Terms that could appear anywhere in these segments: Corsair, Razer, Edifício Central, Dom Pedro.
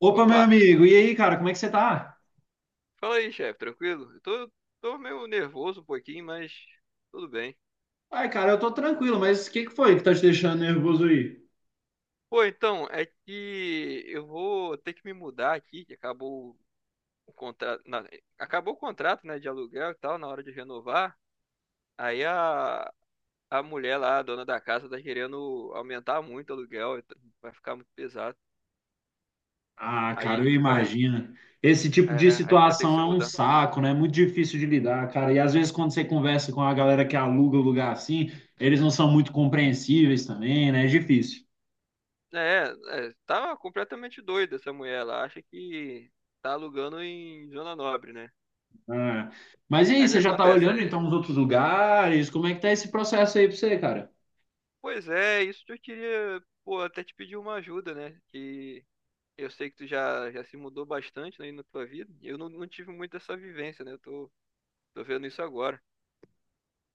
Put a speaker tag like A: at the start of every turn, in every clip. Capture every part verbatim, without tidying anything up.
A: Opa, meu
B: Opa,
A: amigo, e aí, cara, como é que você tá?
B: fala aí, chefe, tranquilo? Eu tô, tô meio nervoso um pouquinho, mas tudo bem.
A: Ai, cara, eu tô tranquilo, mas o que que foi que tá te deixando nervoso aí?
B: Pô, então, é que eu vou ter que me mudar aqui, que acabou o contrato, na- acabou o contrato, né, de aluguel e tal, na hora de renovar. Aí a, a mulher lá, a dona da casa, tá querendo aumentar muito o aluguel, e tá- vai ficar muito pesado.
A: Ah,
B: Aí a
A: cara, eu
B: gente vai,
A: imagino. Esse tipo
B: é,
A: de
B: a gente vai ter que
A: situação
B: se
A: é um
B: mudar.
A: saco, né? É muito difícil de lidar, cara. E às vezes, quando você conversa com a galera que aluga o lugar assim, eles não são muito compreensíveis também, né? É difícil.
B: É, é, tá completamente doida essa mulher, ela acha que tá alugando em Zona Nobre, né?
A: Ah. Mas e aí,
B: Aí o que
A: você já tá
B: acontece?
A: olhando então
B: É,
A: os outros lugares? Como é que tá esse processo aí pra você, cara?
B: Pois é, isso que eu queria, pô, até te pedir uma ajuda, né? Que eu sei que tu já, já se mudou bastante, né, aí na tua vida. Eu não, não tive muito essa vivência, né? Eu tô, tô vendo isso agora.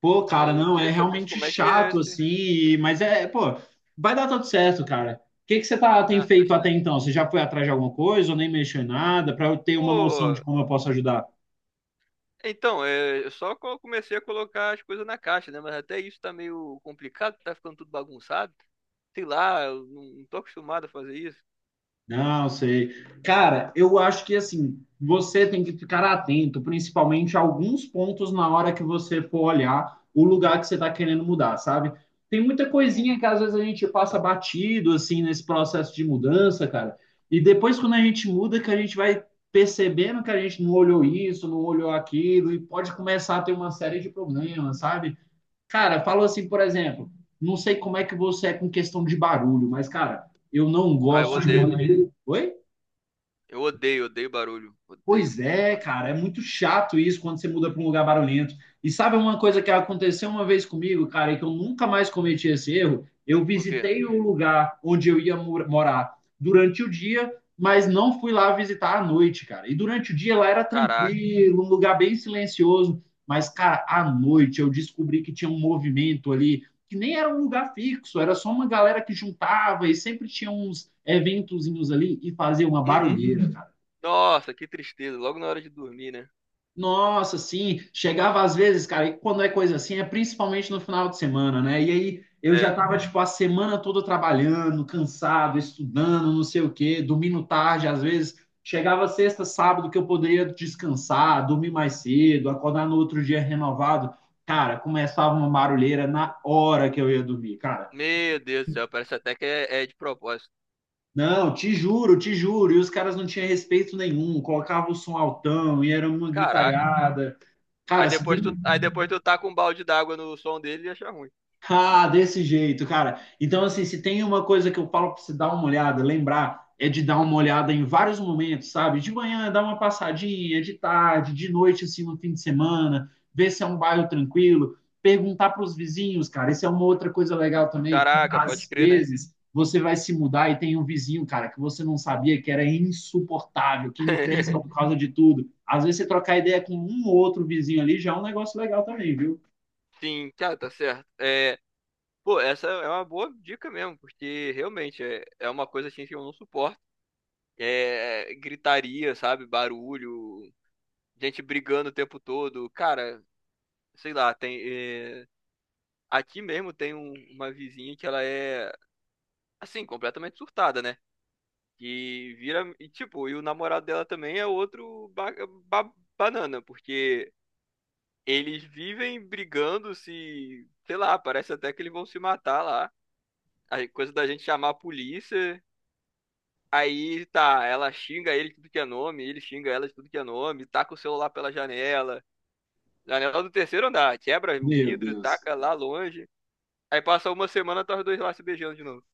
A: Pô, cara,
B: Então,
A: não, é
B: queria saber
A: realmente
B: como é que é
A: chato,
B: esse.
A: assim, e- mas é, pô, vai dar tudo certo, cara. O que que você tá, tem
B: Ah,
A: feito
B: deixa eu
A: até
B: ver.
A: então? Você já foi atrás de alguma coisa ou nem mexeu em nada, para eu ter uma noção de
B: Pô,
A: como eu posso ajudar?
B: então, é, eu só co- comecei a colocar as coisas na caixa, né? Mas até isso tá meio complicado, tá ficando tudo bagunçado. Sei lá, eu não, não tô acostumado a fazer isso.
A: Não, sei. Cara, eu acho que assim, você tem que ficar atento, principalmente a alguns pontos na hora que você for olhar o lugar que você está querendo mudar, sabe? Tem muita
B: Hum.
A: coisinha que às vezes a gente passa batido assim nesse processo de mudança, cara. E depois quando a gente muda, que a gente vai percebendo que a gente não olhou isso, não olhou aquilo, e pode começar a ter uma série de problemas, sabe? Cara, falou assim, por exemplo, não sei como é que você é com questão de barulho, mas, cara, eu não
B: Ah, eu
A: gosto de
B: odeio.
A: morar. Oi?
B: Eu odeio, odeio barulho.
A: Pois
B: Odeio.
A: é,
B: Nossa.
A: cara, é muito chato isso quando você muda para um lugar barulhento. E sabe uma coisa que aconteceu uma vez comigo, cara, e que eu nunca mais cometi esse erro? Eu
B: Por quê?
A: visitei o lugar onde eu ia mor- morar durante o dia, mas não fui lá visitar à noite, cara. E durante o dia lá era
B: Caraca.
A: tranquilo, um lugar bem silencioso, mas, cara, à noite eu descobri que tinha um movimento ali, que nem era um lugar fixo, era só uma galera que juntava e sempre tinha uns eventozinhos ali e fazia uma
B: Uhum.
A: barulheira, cara.
B: Nossa, que tristeza. Logo na hora de dormir, né?
A: Nossa, sim, chegava às vezes, cara, e quando é coisa assim, é principalmente no final de semana, né? E aí eu já
B: É.
A: tava, tipo, a semana toda trabalhando, cansado, estudando, não sei o quê, dormindo tarde, às vezes. Chegava sexta, sábado, que eu poderia descansar, dormir mais cedo, acordar no outro dia renovado. Cara, começava uma barulheira na hora que eu ia dormir, cara.
B: Meu Deus do céu, parece até que é, é de propósito.
A: Não, te juro, te juro. E os caras não tinham respeito nenhum, colocavam o som altão e era uma
B: Caraca.
A: gritaiada.
B: Aí
A: Cara, se tem.
B: depois tu, aí depois tu tá com um balde d'água no som dele e acha ruim.
A: Ah, desse jeito, cara. Então, assim, se tem uma coisa que eu falo pra você dar uma olhada, lembrar, é de dar uma olhada em vários momentos, sabe? De manhã, dar uma passadinha, de tarde, de noite, assim, no fim de semana, ver se é um bairro tranquilo, perguntar pros vizinhos, cara. Isso é uma outra coisa legal também.
B: Caraca, pode
A: Às
B: crer, né?
A: vezes, você vai se mudar e tem um vizinho, cara, que você não sabia que era insuportável, que encrespa por causa de tudo. Às vezes, você trocar ideia com um ou outro vizinho ali já é um negócio legal também, viu?
B: Sim, cara, tá certo. É, pô, essa é uma boa dica mesmo, porque realmente é, é uma coisa assim que eu não suporto. É gritaria, sabe? Barulho, gente brigando o tempo todo. Cara, sei lá, tem. é, aqui mesmo tem um- uma vizinha que ela é, assim, completamente surtada, né? E vira. E, tipo, e o namorado dela também é outro ba- ba- banana, porque eles vivem brigando, se. Sei lá, parece até que eles vão se matar lá. A coisa da gente chamar a polícia. Aí tá, ela xinga ele de tudo que é nome, ele xinga ela de tudo que é nome, taca o celular pela janela. Janela do terceiro andar, quebra o
A: Meu
B: vidro,
A: Deus.
B: taca lá longe. Aí passa uma semana, tá os dois lá se beijando de novo.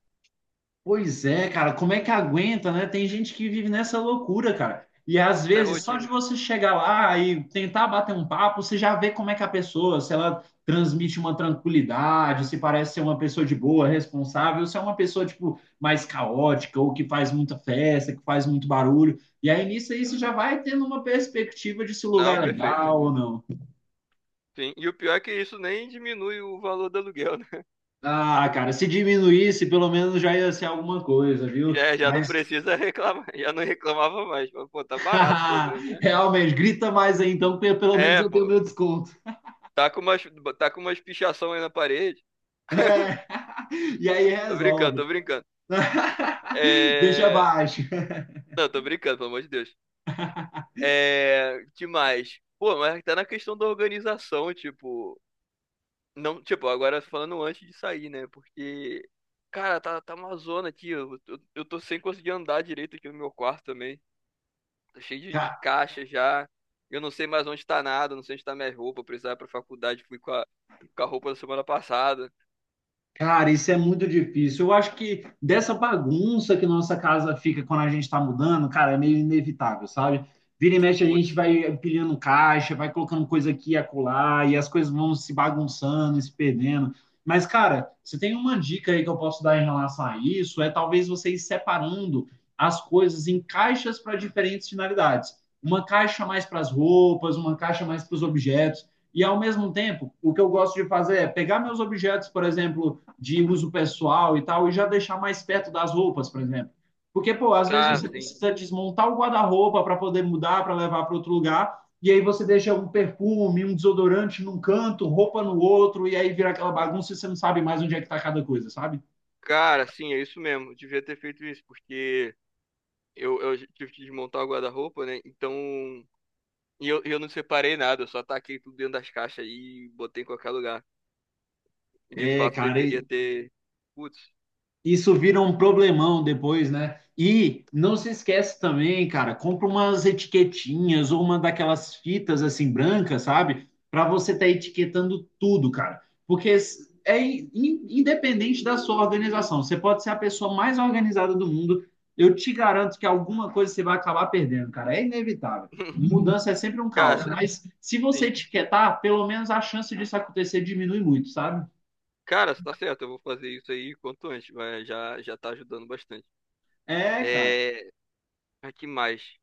A: Pois é, cara, como é que aguenta, né? Tem gente que vive nessa loucura, cara. E às
B: Isso é
A: vezes, só de
B: rotina.
A: você chegar lá e tentar bater um papo, você já vê como é que a pessoa, se ela transmite uma tranquilidade, se parece ser uma pessoa de boa, responsável, se é uma pessoa, tipo, mais caótica ou que faz muita festa, que faz muito barulho. E aí nisso aí você já vai tendo uma perspectiva de se o lugar
B: Não,
A: é
B: perfeito.
A: legal ou não.
B: Sim, e o pior é que isso nem diminui o valor do aluguel, né?
A: Ah, cara, se diminuísse, pelo menos já ia ser alguma coisa, viu?
B: Já, já não
A: Mas
B: precisa reclamar, já não reclamava mais. Mas, pô, tá barato pelo menos, né?
A: realmente, grita mais aí então, que pelo menos
B: É,
A: eu tenho
B: pô,
A: meu desconto.
B: tá com umas, tá com umas pichação aí na parede.
A: É. E aí
B: Tô brincando,
A: resolve.
B: tô brincando.
A: Deixa
B: É...
A: baixo.
B: Não, tô brincando, pelo amor de Deus. É... Demais. Pô, mas tá na questão da organização, tipo. Não, tipo, agora falando antes de sair, né? Porque, cara, tá, tá uma zona aqui. Eu, eu, eu tô sem conseguir andar direito aqui no meu quarto também. Tá cheio de, de
A: Cara.
B: caixa já. Eu não sei mais onde tá nada, não sei onde tá minha roupa. Eu precisava ir pra faculdade, fui com a, com a roupa da semana passada.
A: Cara, isso é muito difícil. Eu acho que dessa bagunça que nossa casa fica quando a gente está mudando, cara, é meio inevitável, sabe? Vira e mexe, a gente
B: Putz,
A: vai empilhando caixa, vai colocando coisa aqui e acolá, e as coisas vão se bagunçando, e se perdendo. Mas, cara, você tem uma dica aí que eu posso dar em relação a isso? É talvez você ir separando as coisas em caixas para diferentes finalidades. Uma caixa mais para as roupas, uma caixa mais para os objetos. E, ao mesmo tempo, o que eu gosto de fazer é pegar meus objetos, por exemplo, de uso pessoal e tal, e já deixar mais perto das roupas, por exemplo. Porque, pô, às vezes
B: cara,
A: você
B: sim,
A: precisa desmontar o guarda-roupa para poder mudar, para levar para outro lugar, e aí você deixa um perfume, um desodorante num canto, roupa no outro, e aí vira aquela bagunça e você não sabe mais onde é que tá cada coisa, sabe?
B: cara, sim, é isso mesmo. Eu devia ter feito isso, porque eu, eu tive que desmontar o guarda-roupa, né? Então, e eu, eu não separei nada, eu só taquei tudo dentro das caixas e botei em qualquer lugar. De
A: É,
B: fato,
A: cara,
B: deveria ter. Putz,
A: isso vira um problemão depois, né? E não se esquece também, cara, compra umas etiquetinhas ou uma daquelas fitas assim brancas, sabe? Para você estar etiquetando tudo, cara. Porque é in- in- independente da sua organização, você pode ser a pessoa mais organizada do mundo, eu te garanto que alguma coisa você vai acabar perdendo, cara. É inevitável. Mudança é sempre um
B: cara,
A: caos, mas se você
B: sim.
A: etiquetar, pelo menos a chance disso acontecer diminui muito, sabe?
B: Cara, você tá certo, eu vou fazer isso aí quanto antes, mas já, já tá ajudando bastante.
A: É, cara.
B: É. Mas que mais?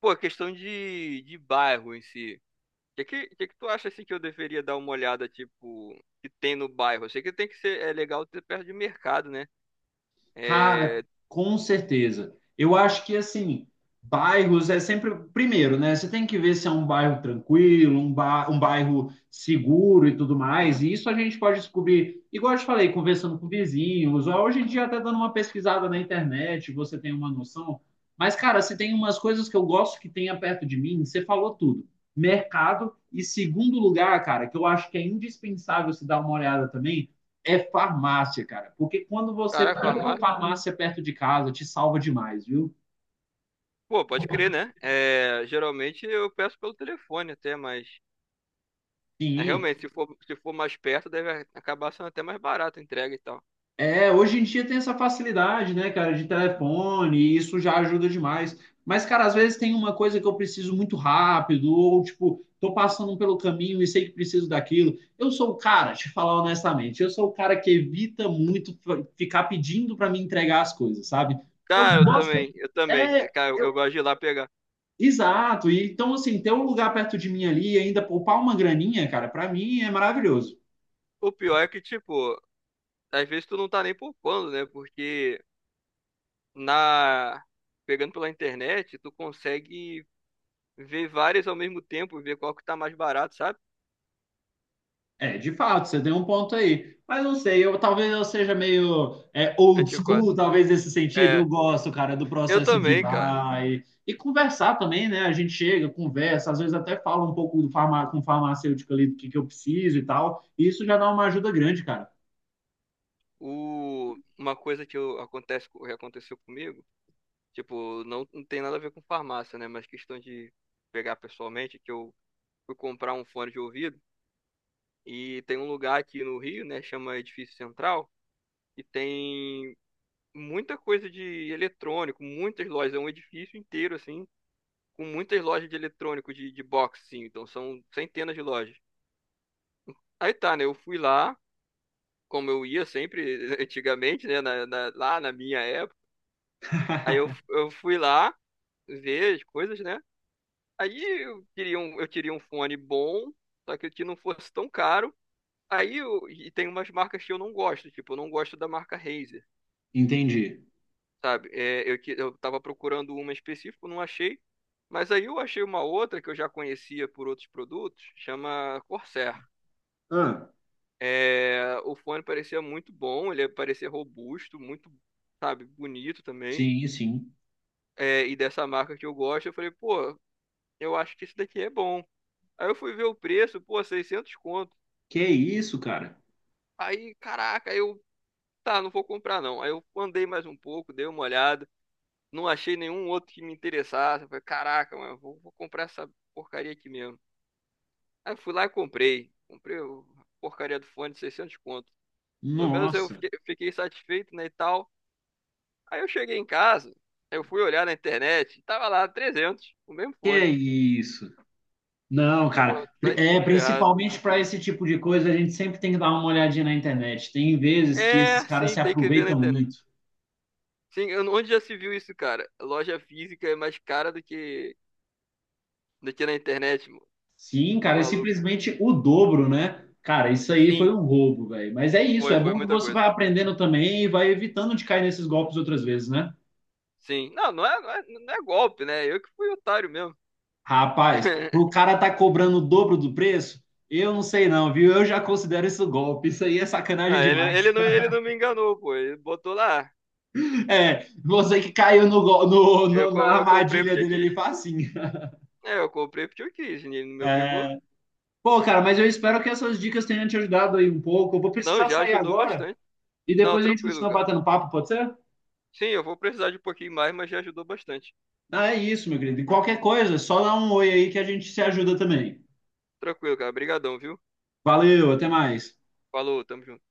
B: Pô, questão de, de bairro em si. O que, que, que que tu acha assim que eu deveria dar uma olhada, tipo, que tem no bairro? Eu sei que tem que ser, é legal ter perto de mercado, né?
A: Cara,
B: É,
A: com certeza. Eu acho que assim, bairros é sempre primeiro, né? Você tem que ver se é um bairro tranquilo, um, ba... um bairro seguro e tudo mais. E isso a gente pode descobrir, igual eu te falei, conversando com vizinhos, ou hoje em dia até dando uma pesquisada na internet, você tem uma noção. Mas, cara, se tem umas coisas que eu gosto que tenha perto de mim, você falou tudo. Mercado e segundo lugar, cara, que eu acho que é indispensável se dar uma olhada também é farmácia, cara. Porque quando você
B: caraca,
A: pega uma
B: farmácia.
A: farmácia perto de casa, te salva demais, viu?
B: Pô, pode crer, né? É, geralmente eu peço pelo telefone até, mas é,
A: Sim.
B: realmente, se for, se for mais perto, deve acabar sendo até mais barato a entrega e tal.
A: É, hoje em dia tem essa facilidade, né, cara, de telefone, e isso já ajuda demais. Mas, cara, às vezes tem uma coisa que eu preciso muito rápido, ou tipo, tô passando pelo caminho e sei que preciso daquilo. Eu sou o cara, te falar honestamente, eu sou o cara que evita muito f- ficar pedindo para me entregar as coisas, sabe? Eu
B: Cara, eu
A: gosto,
B: também, eu também.
A: é,
B: Cara, eu,
A: eu,
B: eu gosto de ir lá pegar.
A: exato. E, então, assim, ter um lugar perto de mim ali e ainda poupar uma graninha, cara, pra mim é maravilhoso.
B: O pior é que, tipo, às vezes tu não tá nem poupando, né? Porque na pegando pela internet, tu consegue ver várias ao mesmo tempo, ver qual que tá mais barato, sabe?
A: É, de fato, você tem um ponto aí. Mas não sei, eu talvez eu seja meio é, old
B: Antiquado.
A: school, talvez nesse sentido.
B: É,
A: Eu gosto, cara, do
B: eu
A: processo de ir
B: também, cara.
A: lá e, e conversar também, né? A gente chega, conversa, às vezes até fala um pouco do farma, com o farmacêutico ali do que, que eu preciso e tal. E isso já dá uma ajuda grande, cara.
B: O, uma coisa que eu, acontece, que aconteceu comigo, tipo, não, não tem nada a ver com farmácia, né? Mas questão de pegar pessoalmente, que eu fui comprar um fone de ouvido e tem um lugar aqui no Rio, né? Chama Edifício Central e tem muita coisa de eletrônico, muitas lojas, é um edifício inteiro assim com muitas lojas de eletrônico de, de box, sim. Então são centenas de lojas. Aí tá, né? Eu fui lá, como eu ia sempre antigamente, né? na- na- lá na minha época. Aí eu, eu fui lá ver as coisas, né? Aí eu queria um, eu queria um fone bom, só que que não fosse tão caro. Aí eu, e tem umas marcas que eu não gosto, tipo, eu não gosto da marca Razer,
A: Entendi.
B: sabe? É, eu, que- eu tava procurando uma específica, não achei. Mas aí eu achei uma outra que eu já conhecia por outros produtos, chama Corsair.
A: Ah,
B: É, o fone parecia muito bom, ele parecia robusto, muito, sabe, bonito também.
A: sim, sim.
B: É, e dessa marca que eu gosto, eu falei, pô, eu acho que isso daqui é bom. Aí eu fui ver o preço, pô, seiscentos conto.
A: Que isso, cara?
B: Aí, caraca, aí eu, tá, não vou comprar não. Aí eu andei mais um pouco, dei uma olhada, não achei nenhum outro que me interessasse. Eu falei, caraca, mano, vou, vou comprar essa porcaria aqui mesmo. Aí eu fui lá e comprei. Comprei o- a porcaria do fone de seiscentos conto. Pelo menos eu
A: Nossa,
B: fiquei, fiquei satisfeito, né, e tal. Aí eu cheguei em casa, eu fui olhar na internet, tava lá trezentos, o mesmo
A: que
B: fone.
A: isso? Não,
B: Eu falo,
A: cara, pri-
B: vai
A: é
B: se ferrar.
A: principalmente para esse tipo de coisa, a gente sempre tem que dar uma olhadinha na internet. Tem vezes que esses
B: É,
A: caras
B: sim,
A: se
B: tem que ver na
A: aproveitam
B: internet.
A: muito.
B: Sim, eu- onde já se viu isso, cara? Loja física é mais cara do que do que na internet, mo-
A: Sim, cara, é
B: maluco.
A: simplesmente o dobro, né? Cara, isso aí foi
B: Sim,
A: um roubo, velho. Mas é isso,
B: foi,
A: é
B: foi
A: bom que
B: muita
A: você
B: coisa.
A: vai aprendendo também e vai evitando de cair nesses golpes outras vezes, né?
B: Sim. Não, não é, não é, não é golpe, né? Eu que fui otário mesmo.
A: Rapaz, pro cara tá cobrando o dobro do preço, eu não sei não, viu? Eu já considero isso golpe. Isso aí é sacanagem
B: Ah, ele,
A: demais.
B: ele não, ele não me enganou, pô. Ele botou lá.
A: É, você que caiu no, go- no-
B: Eu,
A: no- na
B: co- eu comprei
A: armadilha
B: porque eu
A: dele ali
B: quis.
A: facinho.
B: É, eu comprei porque eu quis. Ele não me obrigou.
A: Pô, cara, mas eu espero que essas dicas tenham te ajudado aí um pouco. Eu vou
B: Não,
A: precisar
B: já
A: sair
B: ajudou
A: agora
B: bastante.
A: e
B: Não,
A: depois a gente
B: tranquilo,
A: continua
B: cara.
A: batendo papo, pode ser?
B: Sim, eu vou precisar de um pouquinho mais, mas já ajudou bastante.
A: Ah, é isso, meu querido. E qualquer coisa, só dá um oi aí que a gente se ajuda também.
B: Tranquilo, cara. Obrigadão, viu?
A: Valeu, até mais.
B: Falou, tamo junto.